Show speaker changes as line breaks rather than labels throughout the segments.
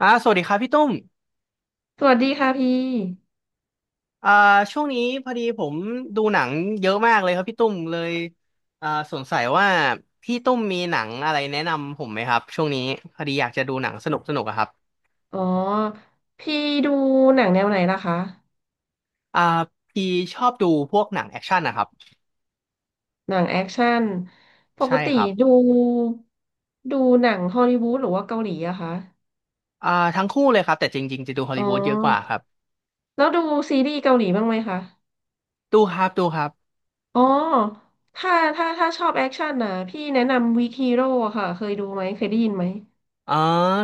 สวัสดีครับพี่ตุ้ม
สวัสดีค่ะพี่
อ่าช่วงนี้พอดีผมดูหนังเยอะมากเลยครับพี่ตุ้มเลยสงสัยว่าพี่ตุ้มมีหนังอะไรแนะนำผมไหมครับช่วงนี้พอดีอยากจะดูหนังสนุกสนุกอะครับ
อ๋อ พี่ดูหนังแนวไหนล่ะคะ
อ่าพี่ชอบดูพวกหนังแอคชั่นนะครับ
หนังแอคชั่นปก
ใช่
ติ
ครับ
ดูดูหนังฮอลลีวูดหรือว่าเกาหลีอะคะ
อ่าทั้งคู่เลยครับแต่จริงๆจะดูฮอล
อ๋
ลี
อ
วูดเยอะกว่าครับ
แล้วดูซีรีส์เกาหลีบ้างไหมคะ
ดูครับดูครับ
อ๋อ ถ้าชอบแอคชั่นนะพี่แนะนำวีคฮีโร่ค่ะ เคยดูไหม เคยได้ยินไหม
อ๋อ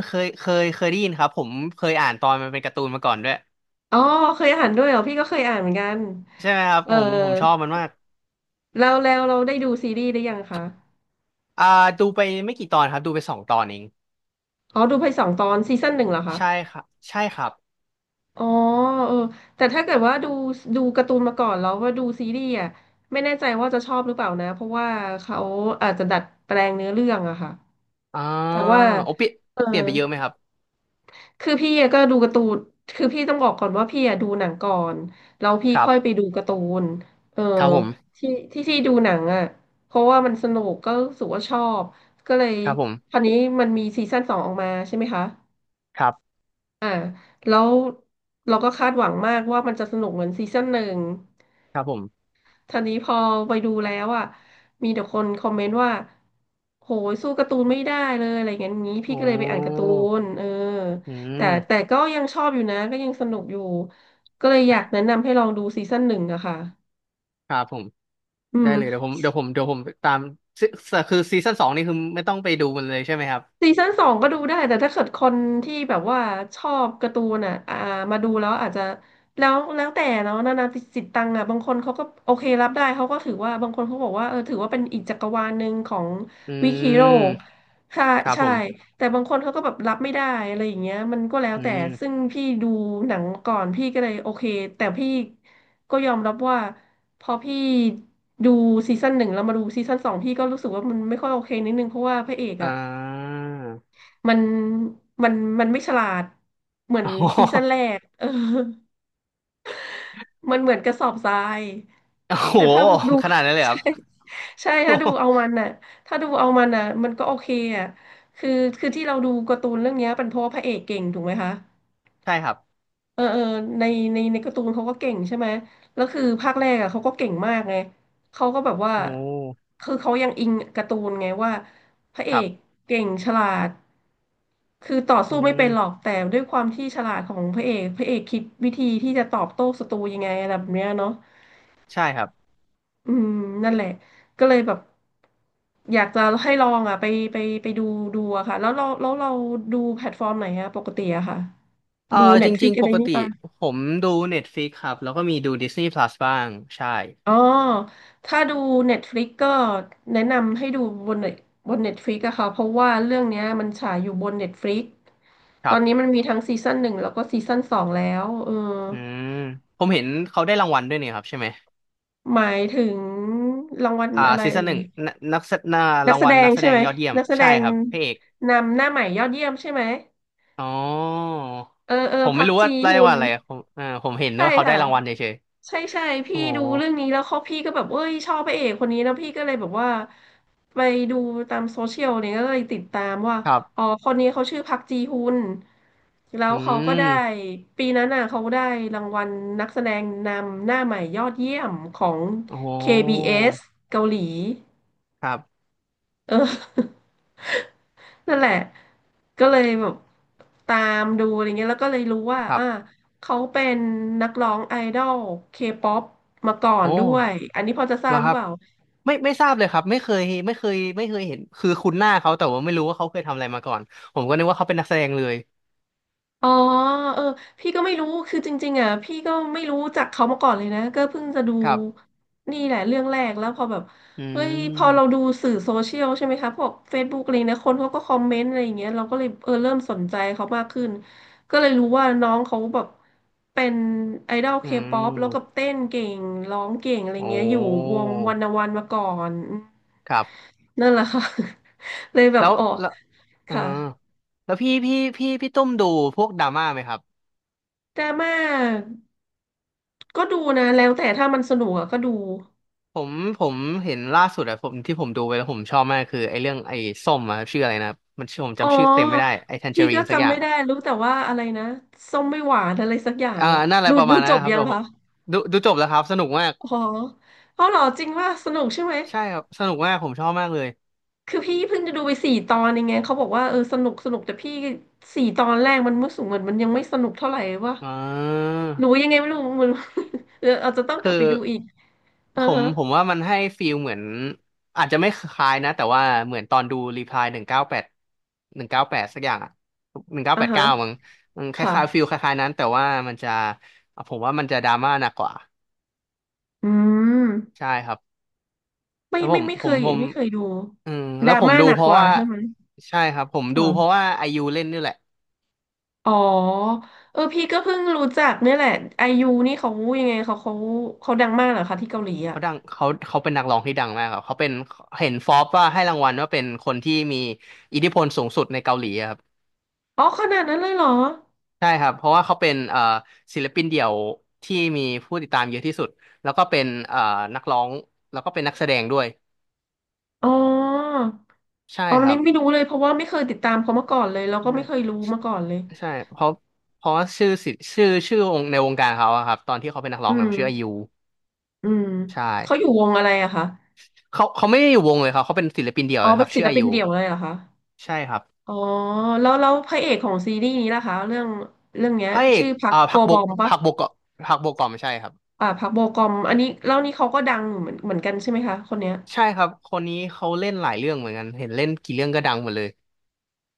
เคยได้ยินครับผมเคยอ่านตอนมันเป็นการ์ตูนมาก่อนด้วย
อ๋อ เคยอ่านด้วยเหรอ พี่ก็เคยอ่านเหมือนกัน
ใช่ไหมครับ
เออ
ผมชอบมันมาก
แล้วเราได้ดูซีรีส์หรือยังคะ
อ่าดูไปไม่กี่ตอนครับดูไป2 ตอนเอง
อ๋อดูไปสองตอนซีซั่นหนึ่งเหรอคะ
ใช่ครับใช่ครับ
อ๋อเออแต่ถ้าเกิดว่าดูการ์ตูนมาก่อนแล้วว่าดูซีรีส์อ่ะไม่แน่ใจว่าจะชอบหรือเปล่านะเพราะว่าเขาอาจจะดัดแปลงเนื้อเรื่องอะค่ะ
อ่า
แต่ว่า
โอเปลี่ยน
เออ
เปลี่ยนไปเยอะไหมครับ
คือพี่อะก็ดูการ์ตูนคือพี่ต้องบอกก่อนว่าพี่อะดูหนังก่อนแล้วพี่
ครั
ค่
บ
อยไปดูการ์ตูนเออ
ครับผม
ที่ดูหนังอะเพราะว่ามันสนุกก็รู้สึกว่าชอบก็เลย
ครับผ
ค
ม
ราวนี้มันมีซีซั่นสองออกมาใช่ไหมคะ
ครับ
อ่าแล้วเราก็คาดหวังมากว่ามันจะสนุกเหมือนซีซั่นหนึ่ง
ครับผม
ทีนี้พอไปดูแล้วอ่ะมีแต่คนคอมเมนต์ว่าโหยสู้การ์ตูนไม่ได้เลยอะไรเงี้ยงี้พี่
โอ้
ก็เลยไปอ่านการ์ตูนเออ
อื
แต่
ม
ก็ยังชอบอยู่นะก็ยังสนุกอยู่ก็เลยอยากแนะนำให้ลองดูซีซั่นหนึ่งอะค่ะ
ครับผม
อื
ได้
ม
เลยเดี๋ยวผมเดี๋ยวผมเดี๋ยวผมตามซีคือซีซั่นสองนี่คือไม่ต้องไปดูมันเลยใช่ไหมครับ
ซีซั่นสองก็ดูได้แต่ถ้าเกิดคนที่แบบว่าชอบการ์ตูนอ่ะมาดูแล้วอาจจะแล้วแต่เนาะนานาจิตตังอ่ะบางคนเขาก็โอเครับได้เขาก็ถือว่าบางคนเขาบอกว่าเออถือว่าเป็นอีกจักรวาลหนึ่งของ
อื
วิกฮีโร่
ม
ใช่
ครับ
ใช่
ผม
แต่บางคนเขาก็แบบรับไม่ได้อะไรอย่างเงี้ยมันก็แล้ว
อื
แต่
ม
ซึ่งพี่ดูหนังก่อนพี่ก็เลยโอเคแต่พี่ก็ยอมรับว่าพอพี่ดูซีซั่นหนึ่งแล้วมาดูซีซั่นสองพี่ก็รู้สึกว่ามันไม่ค่อยโอเคนิดนึงเพราะว่าพระเอก
อ่
อ่ะ
า
มันมันมันไม่ฉลาดเหมื อน
โอ้โห
ซีซั่นแรกเออ มันเหมือนกระสอบทราย
โอ้โห
แต่ถ้าดู
ขนาดนั้นเลย ค
ใช่
รับ
ใช่
โอ้
ถ้าดู
โห
เอามันน่ะถ้าดูเอามันน่ะมันก็โอเคอ่ะคือคือที่เราดูการ์ตูนเรื่องเนี้ยเป็นเพราะว่าพระเอกเก่งถูกไหมคะ
ใช่ครับ
เออเออในในการ์ตูนเขาก็เก่งใช่ไหมแล้วคือภาคแรกอ่ะเขาก็เก่งมากไงเขาก็แบบว่า
โอ้โห
คือเขายังอิงการ์ตูนไงว่าพระเอ
ครั
ก
บ
เก่งฉลาดคือต่อ
อื
สู้ไม่
ม
เป็นหรอกแต่ด้วยความที่ฉลาดของพระเอกพระเอกคิดวิธีที่จะตอบโต้ศัตรูยังไงอะไรแบบเนี้ยเนาะ
ใช่ครับ
อืมนั่นแหละก็เลยแบบอยากจะให้ลองอ่ะไปไปดูดูอะค่ะแล้วเราดูแพลตฟอร์มไหนอะปกติอะค่ะ
เออ
ดู
จริ
Netflix
ง
อะ
ๆป
ไร
ก
นี่
ติ
ปะ
ผมดู Netflix ครับแล้วก็มีดู Disney Plus บ้างใช่
อ๋อ ถ้าดู Netflix ก็แนะนำให้ดูบน Net- บน Netflix อะค่ะ เพราะว่าเรื่องเนี้ยมันฉายอยู่บน Netflix
ค
ตอ
รั
นนี้
บ
มันมีทั้งซีซั่นหนึ่งแล้วก็ซีซั่นสองแล้วเออ
อืมผมเห็นเขาได้รางวัลด้วยเนี่ยครับใช่ไหม
หมายถึงรางวัลอะไร
ซี
เอ่
ซั่นหนึ่
ย
งนนักแสนา
นั
รา
ก
ง
แส
วั
ด
ล
ง
นักแส
ใช่
ดง
ไหม
ยอดเยี่ยม
นักแสด
ใช่
ง
ครับพระเอก
นำหน้าใหม่ยอดเยี่ยมใช่ไหม
อ๋อ
เออ เออ
ผม
พั
ไม่
ก
รู้
จี
ว่าได้
ฮุ
ราง
น
วัลอะไรอะผมผมเห็น
ใช่
ว่าเขาได้
ค่ะ
รางวัลเฉย
ใช่ใช่
ๆโอ้
พี่ดูเรื่องนี้แล้วเขาพี่ก็แบบเอ้ยชอบพระเอกคนนี้แล้วพี่ก็เลยแบบว่าไปดูตามโซเชียลเนี่ยก็เลยติดตามว่า
ครับ
อ๋อคนนี้เขาชื่อพักจีฮุนแล้ว
อื
เขาก็ได้
ม
ปีนั้นน่ะเขาได้รางวัลนักแสดงนำหน้าใหม่ยอดเยี่ยมของ
โอ้
KBS เอสเกาหลี
ครับ
เออ นั่นแหละก็เลยแบบตามดูอะไรเงี้ยแล้วก็เลยรู้ว่า
ครั
อ่า
บ
เขาเป็นนักร้องไอดอลเคป๊อปมาก่อน
โอ้
ด้วย อันนี้พอจะทรา
แล้
บ
ว
ห
ค
รือ
รับ
เปล่า
ไม่ทราบเลยครับไม่เคยเห็นคือคุ้นหน้าเขาแต่ว่าไม่รู้ว่าเขาเคยทำอะไรมาก่อนผมก็นึกว่าเขาเป็นนักแสดงเลย
อ๋อเออพี่ก็ไม่รู้คือจริงๆอ่ะพี่ก็ไม่รู้จักเขามาก่อนเลยนะก็เพิ่งจะดู
ครับ
นี่แหละเรื่องแรกแล้วพอแบบ
อื
เฮ้ยพอเราดู
ม
สื่อโซเชียลใช่ไหมคะพวก Facebook อะไรนะคนเขาก็คอมเมนต์อะไรอย่างเงี้ยเราก็เลยเออเริ่มสนใจเขามากขึ้นก็เลยรู้ว่าน้องเขาแบบเป็นไอดอล
อื
เคป๊อปแล้วก็
ม
เต้นเก่งร้องเก่งอะไร
โอ
เงี้ยอยู่ว
้
งวันวันมาก่อนอืม
ครับ
นั่นแหละค่ะ เลยแบ
แล้
บ
ว
อ๋อ
แล้วอ่า
ค่ะ
แล้วพี่ตุ้มดูพวกดราม่าไหมครับ
ดราม่า ก็ดูนะแล้วแต่ถ้ามันสนุกอะก็ดู
ผมผมเห็นล่าสุดอะผมที่ผมดูไปแล้วผมชอบมากคือไอ้เรื่องไอ้ส้มอะครับชื่ออะไรนะมันชื่อผม
อ๋อ
จำชื่อเต็มไม่ได้ไอ้แทนเจอ
พี่
รี
ก็
นสักอ
จำ
ย่าง
ไม่ได้
อะ
รู้แต่ว่าอะไรนะส้มไม่หวานอะไรสักอย่าง
อ่า
อะ
นั่นอะไร
ดู
ประ
ดู
มาณ
จ
นั้น
บ
นะครับ
ยัง
แต่ผม
คะ
ดูจบแล้วครับสนุกมาก
อ๋อเอาเหรอจริงว่าสนุกใช่ไหม
ใช่ครับสนุกมากผมชอบมากเลย
คือพี่เพิ่งจะดูไปสี่ตอนยังไงเขาบอกว่าสนุกแต่พี่สี่ตอนแรกมันรู้สึกเหมือนมันยังไม่สนุกเท่าไหร่วะ
อ่า
หนูยังไงไม่รู้ มัน อาจจะต้องก
คื
ลับ
อ
ไปดูอีก
ผ
อ่า
ม
ฮะ
ผมว่ามันให้ฟีลเหมือนอาจจะไม่คล้ายนะแต่ว่าเหมือนตอนดูรีพลายหนึ่งเก้าแปดหนึ่งเก้าแปดสักอย่างอะหนึ่งเก้า
อ่า
แปด
ฮะ
เก้ามั้งมันค
ค่ะ
ล้ายๆฟีลคล้ายๆนั้นแต่ว่ามันจะผมว่ามันจะดราม่าหนักกว่า
อืม
ใช่ครับ
ไม่
แล้วผ
ไม่
ม
ไม่เค
ผม
ย
ผม
ไม่เคยดู
อืม
ด
แล้
รา
วผม
ม่า
ดู
หนัก
เพ
ก
ราะ
ว่า
ว่า
ใช่ไหม
ใช่ครับผมดูเพราะ
ค่ะ
ว่าไอยูเล่นนี่แหละ
อ๋อพี่ก็เพิ่งรู้จักเนี่ยแหละไอยูนี่เขายังไงเขาเขาดังมากเหรอคะที่เกาหลีอ่ะ
เขาดังเขาเป็นนักร้องที่ดังมากครับเขาเป็นเห็นฟอร์บว่าให้รางวัลว่าเป็นคนที่มีอิทธิพลสูงสุดในเกาหลีอะครับ
อ๋อขนาดนั้นเลยเหรอ
ใช่ครับเพราะว่าเขาเป็นศิลปินเดี่ยวที่มีผู้ติดตามเยอะที่สุดแล้วก็เป็นนักร้องแล้วก็เป็นนักแสดงด้วย
อ๋อ
ใช่
อ๋ออั
ค
น
รั
นี้
บ
ไม่รู้เลยเพราะว่าไม่เคยติดตามเขามาก่อนเลยแล้วก็
ใช่
ไม่เคยรู้มาก่อนเลย
ใช่เพราะว่าชื่อสิชื่อชื่อวงในวงการเขาอะครับตอนที่เขาเป็นนักร้อ
อื
งเนี่ย
ม
เขาชื่ออายุ
อืม
ใช่
เขาอยู่วงอะไรอะคะ
เขาไม่ได้อยู่วงเลยครับเขาเป็นศิลปินเดี่ยว
อ๋อ
เลยค
เป็
รั
น
บ
ศิ
ชื่อ
ล
อา
ปิน
ยุ
เดี่ยวเลยเหรอคะ
ใช่ครับ
อ๋อแล้วพระเอกของซีรีส์นี้ล่ะคะเรื่องเนี้ย
พระเอก
ชื่อพักโกบอมปะ
พักบกเกาะพักบกเกาะไม่ใช่ครับ
อ่าพักโบกอมอันนี้แล้วนี่เขาก็ดังเหมือนกันใช่ไหมคะคนเนี้ย
ใช่ครับ คนนี้เขาเล่นหลายเรื่องเหมือนกัน เห็นเล่นกี่เรื่องก็ดังหมดเลย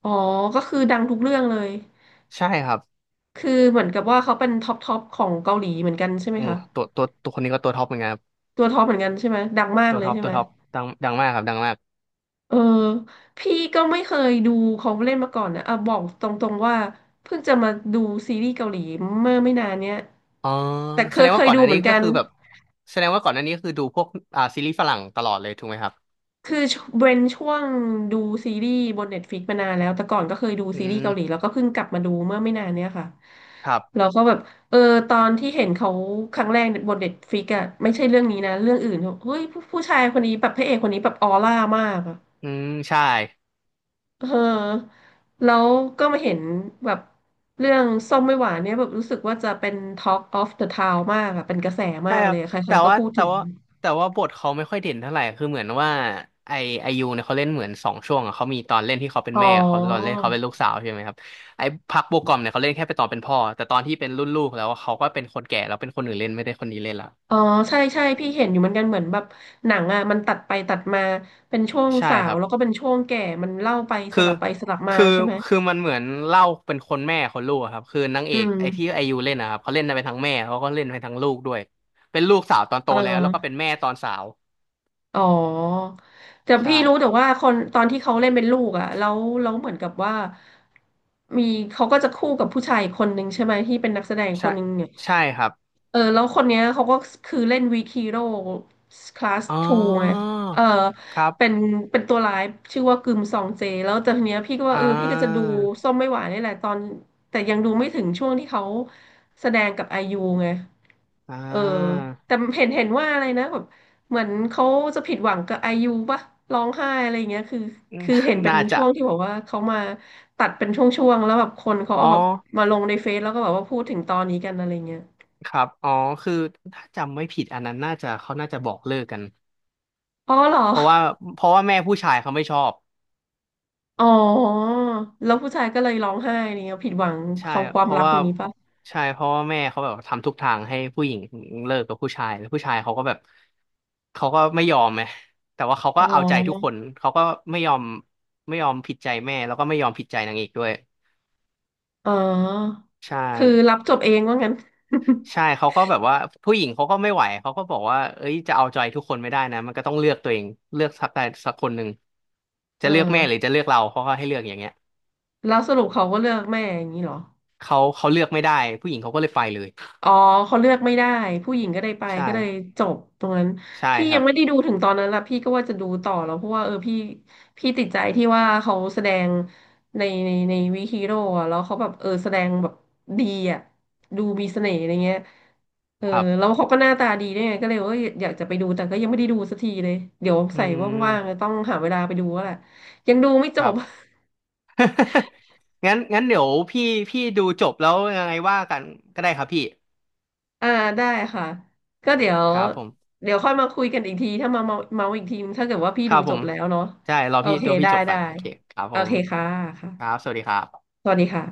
อ๋อก็คือดังทุกเรื่องเลย
ใช่ครับ
คือเหมือนกับว่าเขาเป็นท็อปของเกาหลีเหมือนกันใช่ไหม
โอ้
คะ
ตัวคนนี้ก็ตัวท็อปเหมือนกันครับ
ตัวท็อปเหมือนกันใช่ไหมดังมาก
ตัว
เลย
ท็อป
ใช่
ตั
ไหม
วท็อปดังมากครับดังมาก
เออพี่ก็ไม่เคยดูเขาเล่นมาก่อนนะอ่ะบอกตรงๆว่าเพิ่งจะมาดูซีรีส์เกาหลีเมื่อไม่นานเนี้ย
อ๋อ
แต่เค
แส
ย
ดง
เค
ว่า
ย
ก่อน
ดู
อัน
เหมื
นี้
อนกั
ก็
น
คือแบบแสดงว่าก่อนอันนี้คือดูพวกซีรีส์ฝรั่งตลอดเลยถูกไหมครับ
คือเว้นช่วงดูซีรีส์บนเน็ตฟ i ิกมานานแล้วแต่ก่อนก็เคยดู
อื
ซีรีส์เกาหลี
ม
แล้วก็เพิ่งกลับมาดูเมื่อไม่นานเนี้ยค่ะ
ครับ
เราก็แบบเออตอนที่เห็นเขาครั้งแรกบนเน็ตฟ i ิกอะไม่ใช่เรื่องนี้นะเรื่องอื่นเฮ้ยผู้ชายคนนี้แบบพระเอกคนนี้แบบออร่ามากอะ
อืมใช่
เออแล้วก็มาเห็นแบบเรื่องส้มไม่หวานเนี่ยแบบรู้สึกว่าจะเป็น Talk of the Town มากอะเป็นกระแสมา
ใช่
ก
ค
เล
รับ
ยอะใคร
แต่
ๆก็
ว่า
พูด
แต่
ถึง
ว่าแต่ว่าบทเขาไม่ค่อยเด่นเท่าไหร่คือเหมือนว่าไอไอยูเนี่ยเขาเล่นเหมือน2 ช่วงอะเขามีตอนเล่นที่เขาเป็น
อ๋อ
แม่เขาตอนเล่นเขาเป็นลูกสาวใช่ไหมครับไอพักโบกอมเนี่ยเขาเล่นแค่ไปตอนเป็นพ่อแต่ตอนที่เป็นรุ่นลูกแล้วเขาก็เป็นคนแก่แล้วเป็นคนอื่นเล่นไม่ได้คนนี้เล่นละ
อ๋อใช่ใช่พี่เห็นอยู่เหมือนกันเหมือนแบบหนังอ่ะมันตัดไปตัดมาเป็นช่วง
ใช่
สา
ค
ว
รับ
แล้วก็เป็นช่วงแก่มันเล่าไปส
คือ
ลับไปสลับมา
คือ
ใช่ไหม
คือมันเหมือนเล่าเป็นคนแม่คนลูกอะครับคือนางเอ
อื
ก
ม
ที่ไอยูเล่นนะครับเขาเล่นไปทั้งแม่เขาก็เล่นไปทั้งลูกด้วยเป็นลูกสาวตอนโต
เ
แล้วก็
ออ
เป็นแม่ตอนสาว
อ๋อแต่พี่
ใช่
รู้แต่ว่าคนตอนที่เขาเล่นเป็นลูกอ่ะแล้วเหมือนกับว่ามีเขาก็จะคู่กับผู้ชายอีกคนนึงใช่ไหมที่เป็นนักแสดงค
ใช่
นนึงเนี่ย
ใช่ครับ
แล้วคนเนี้ยเขาก็คือเล่นวีคีโร่คลาส
อ๋อ
ทูไงเออ
ครั
เป็น
บ
เป็นตัวร้ายชื่อว่ากึมซองเจแล้วแต่ทีเนี้ยพี่ก็ว่า
อ่
พี่ก็จะดู
า
ส้มไม่หวานนี่แหละตอนแต่ยังดูไม่ถึงช่วงที่เขาแสดงกับไอยูไง
อ่
เออ
า
แต่เห็นว่าอะไรนะแบบเหมือนเขาจะผิดหวังกับไอยูป่ะร้องไห้อะไรอย่างเงี้ยคือ
อืม
คือเห็น เป็น
น่าจะ
ช่วงที่บอกว่าเขามาตัดเป็นช่วงๆแล้วแบบคนเขา
อ๋อ
เอาแบบมาลงในเฟซแล้วก็แบบว่าพูดถึงตอนนี้กันอะไรเงี้ย
ครับอ๋อคือถ้าจำไม่ผิดอันนั้นน่าจะเขาน่าจะบอกเลิกกัน
อ๋อเหรอ
เพราะว่าเพราะว่าแม่ผู้ชายเขาไม่ชอบ
อ๋อแล้วผู้ชายก็เลยร้องไห้อะไรเนี้ยผิดหวัง
ใช่
เขาควา
เพ
ม
ราะ
รัก
ว่า
ตรงนี้ปะ
ใช่เพราะว่าแม่เขาแบบทำทุกทางให้ผู้หญิงเลิกกับผู้ชายแล้วผู้ชายเขาก็แบบเขาก็ไม่ยอมไงแต่ว่าเขา
อ๋
ก็
อ
เอาใจทุกคนเขาก็ไม่ยอมไม่ยอมผิดใจแม่แล้วก็ไม่ยอมผิดใจนางเอกด้วย
อ๋อ
ใช่
คือรับจบเองว่างั้น
ใช่เขาก็แบบว่าผู้หญิงเขาก็ไม่ไหวเขาก็บอกว่าเอ้ยจะเอาใจทุกคนไม่ได้นะมันก็ต้องเลือกตัวเองเลือกสักใดสักคนหนึ่งจะ
เอ
เลือกแม่หรือ
อ
จะเลือกเราเขาก็ให้เลือกอย่างเงี้ย
แล้วสรุปเขาก็เลือกแม่อย่างนี้เหรอ
เขาเลือกไม่ได้ผู้หญิงเขาก็เลยไปเลย
อ๋อเขาเลือกไม่ได้ผู้หญิงก็ได้ไป
ใช่
ก็เลยจบตรงนั้น
ใช่
พี่
ค
ยั
รั
ง
บ
ไม่ได้ดูถึงตอนนั้นละพี่ก็ว่าจะดูต่อแล้วเพราะว่าพี่พี่ติดใจที่ว่าเขาแสดงในวีฮีโร่อะแล้วเขาแบบแสดงแบบดีอะดูมีเสน่ห์อะไรเงี้ยเออ
ครั
แล้ว
บ
เขาก็หน้าตาดีด้วยไงก็เลยว่าอยากจะไปดูแต่ก็ยังไม่ได้ดูสักทีเลยเดี๋ยว
อื
ใส่ว่างๆจะ
ม
ต้องหาเวลาไปดูแล้วแหละยังดูไม่
ค
จ
รั
บ
บ งั้นเดี๋ยวพี่ดูจบแล้วยังไงว่ากันก็ได้ครับพี่
อ่าได้ค่ะก็เดี๋ยว
ครับผม
เดี๋ยวค่อยมาคุยกันอีกทีถ้ามาเมาอีกทีถ้าเกิดว่าพี่
ค
ดู
รับผ
จบ
ม
แล้วเนาะ
ใช่รอ
โอ
พี่
เค
ดูพี่
ได้
จบก่
ได้
อนโอเคครับ
โอ
ผม
เคค่ะ
ครับ
ค่ะ
สวัสดีครับ
สวัสดีค่ะ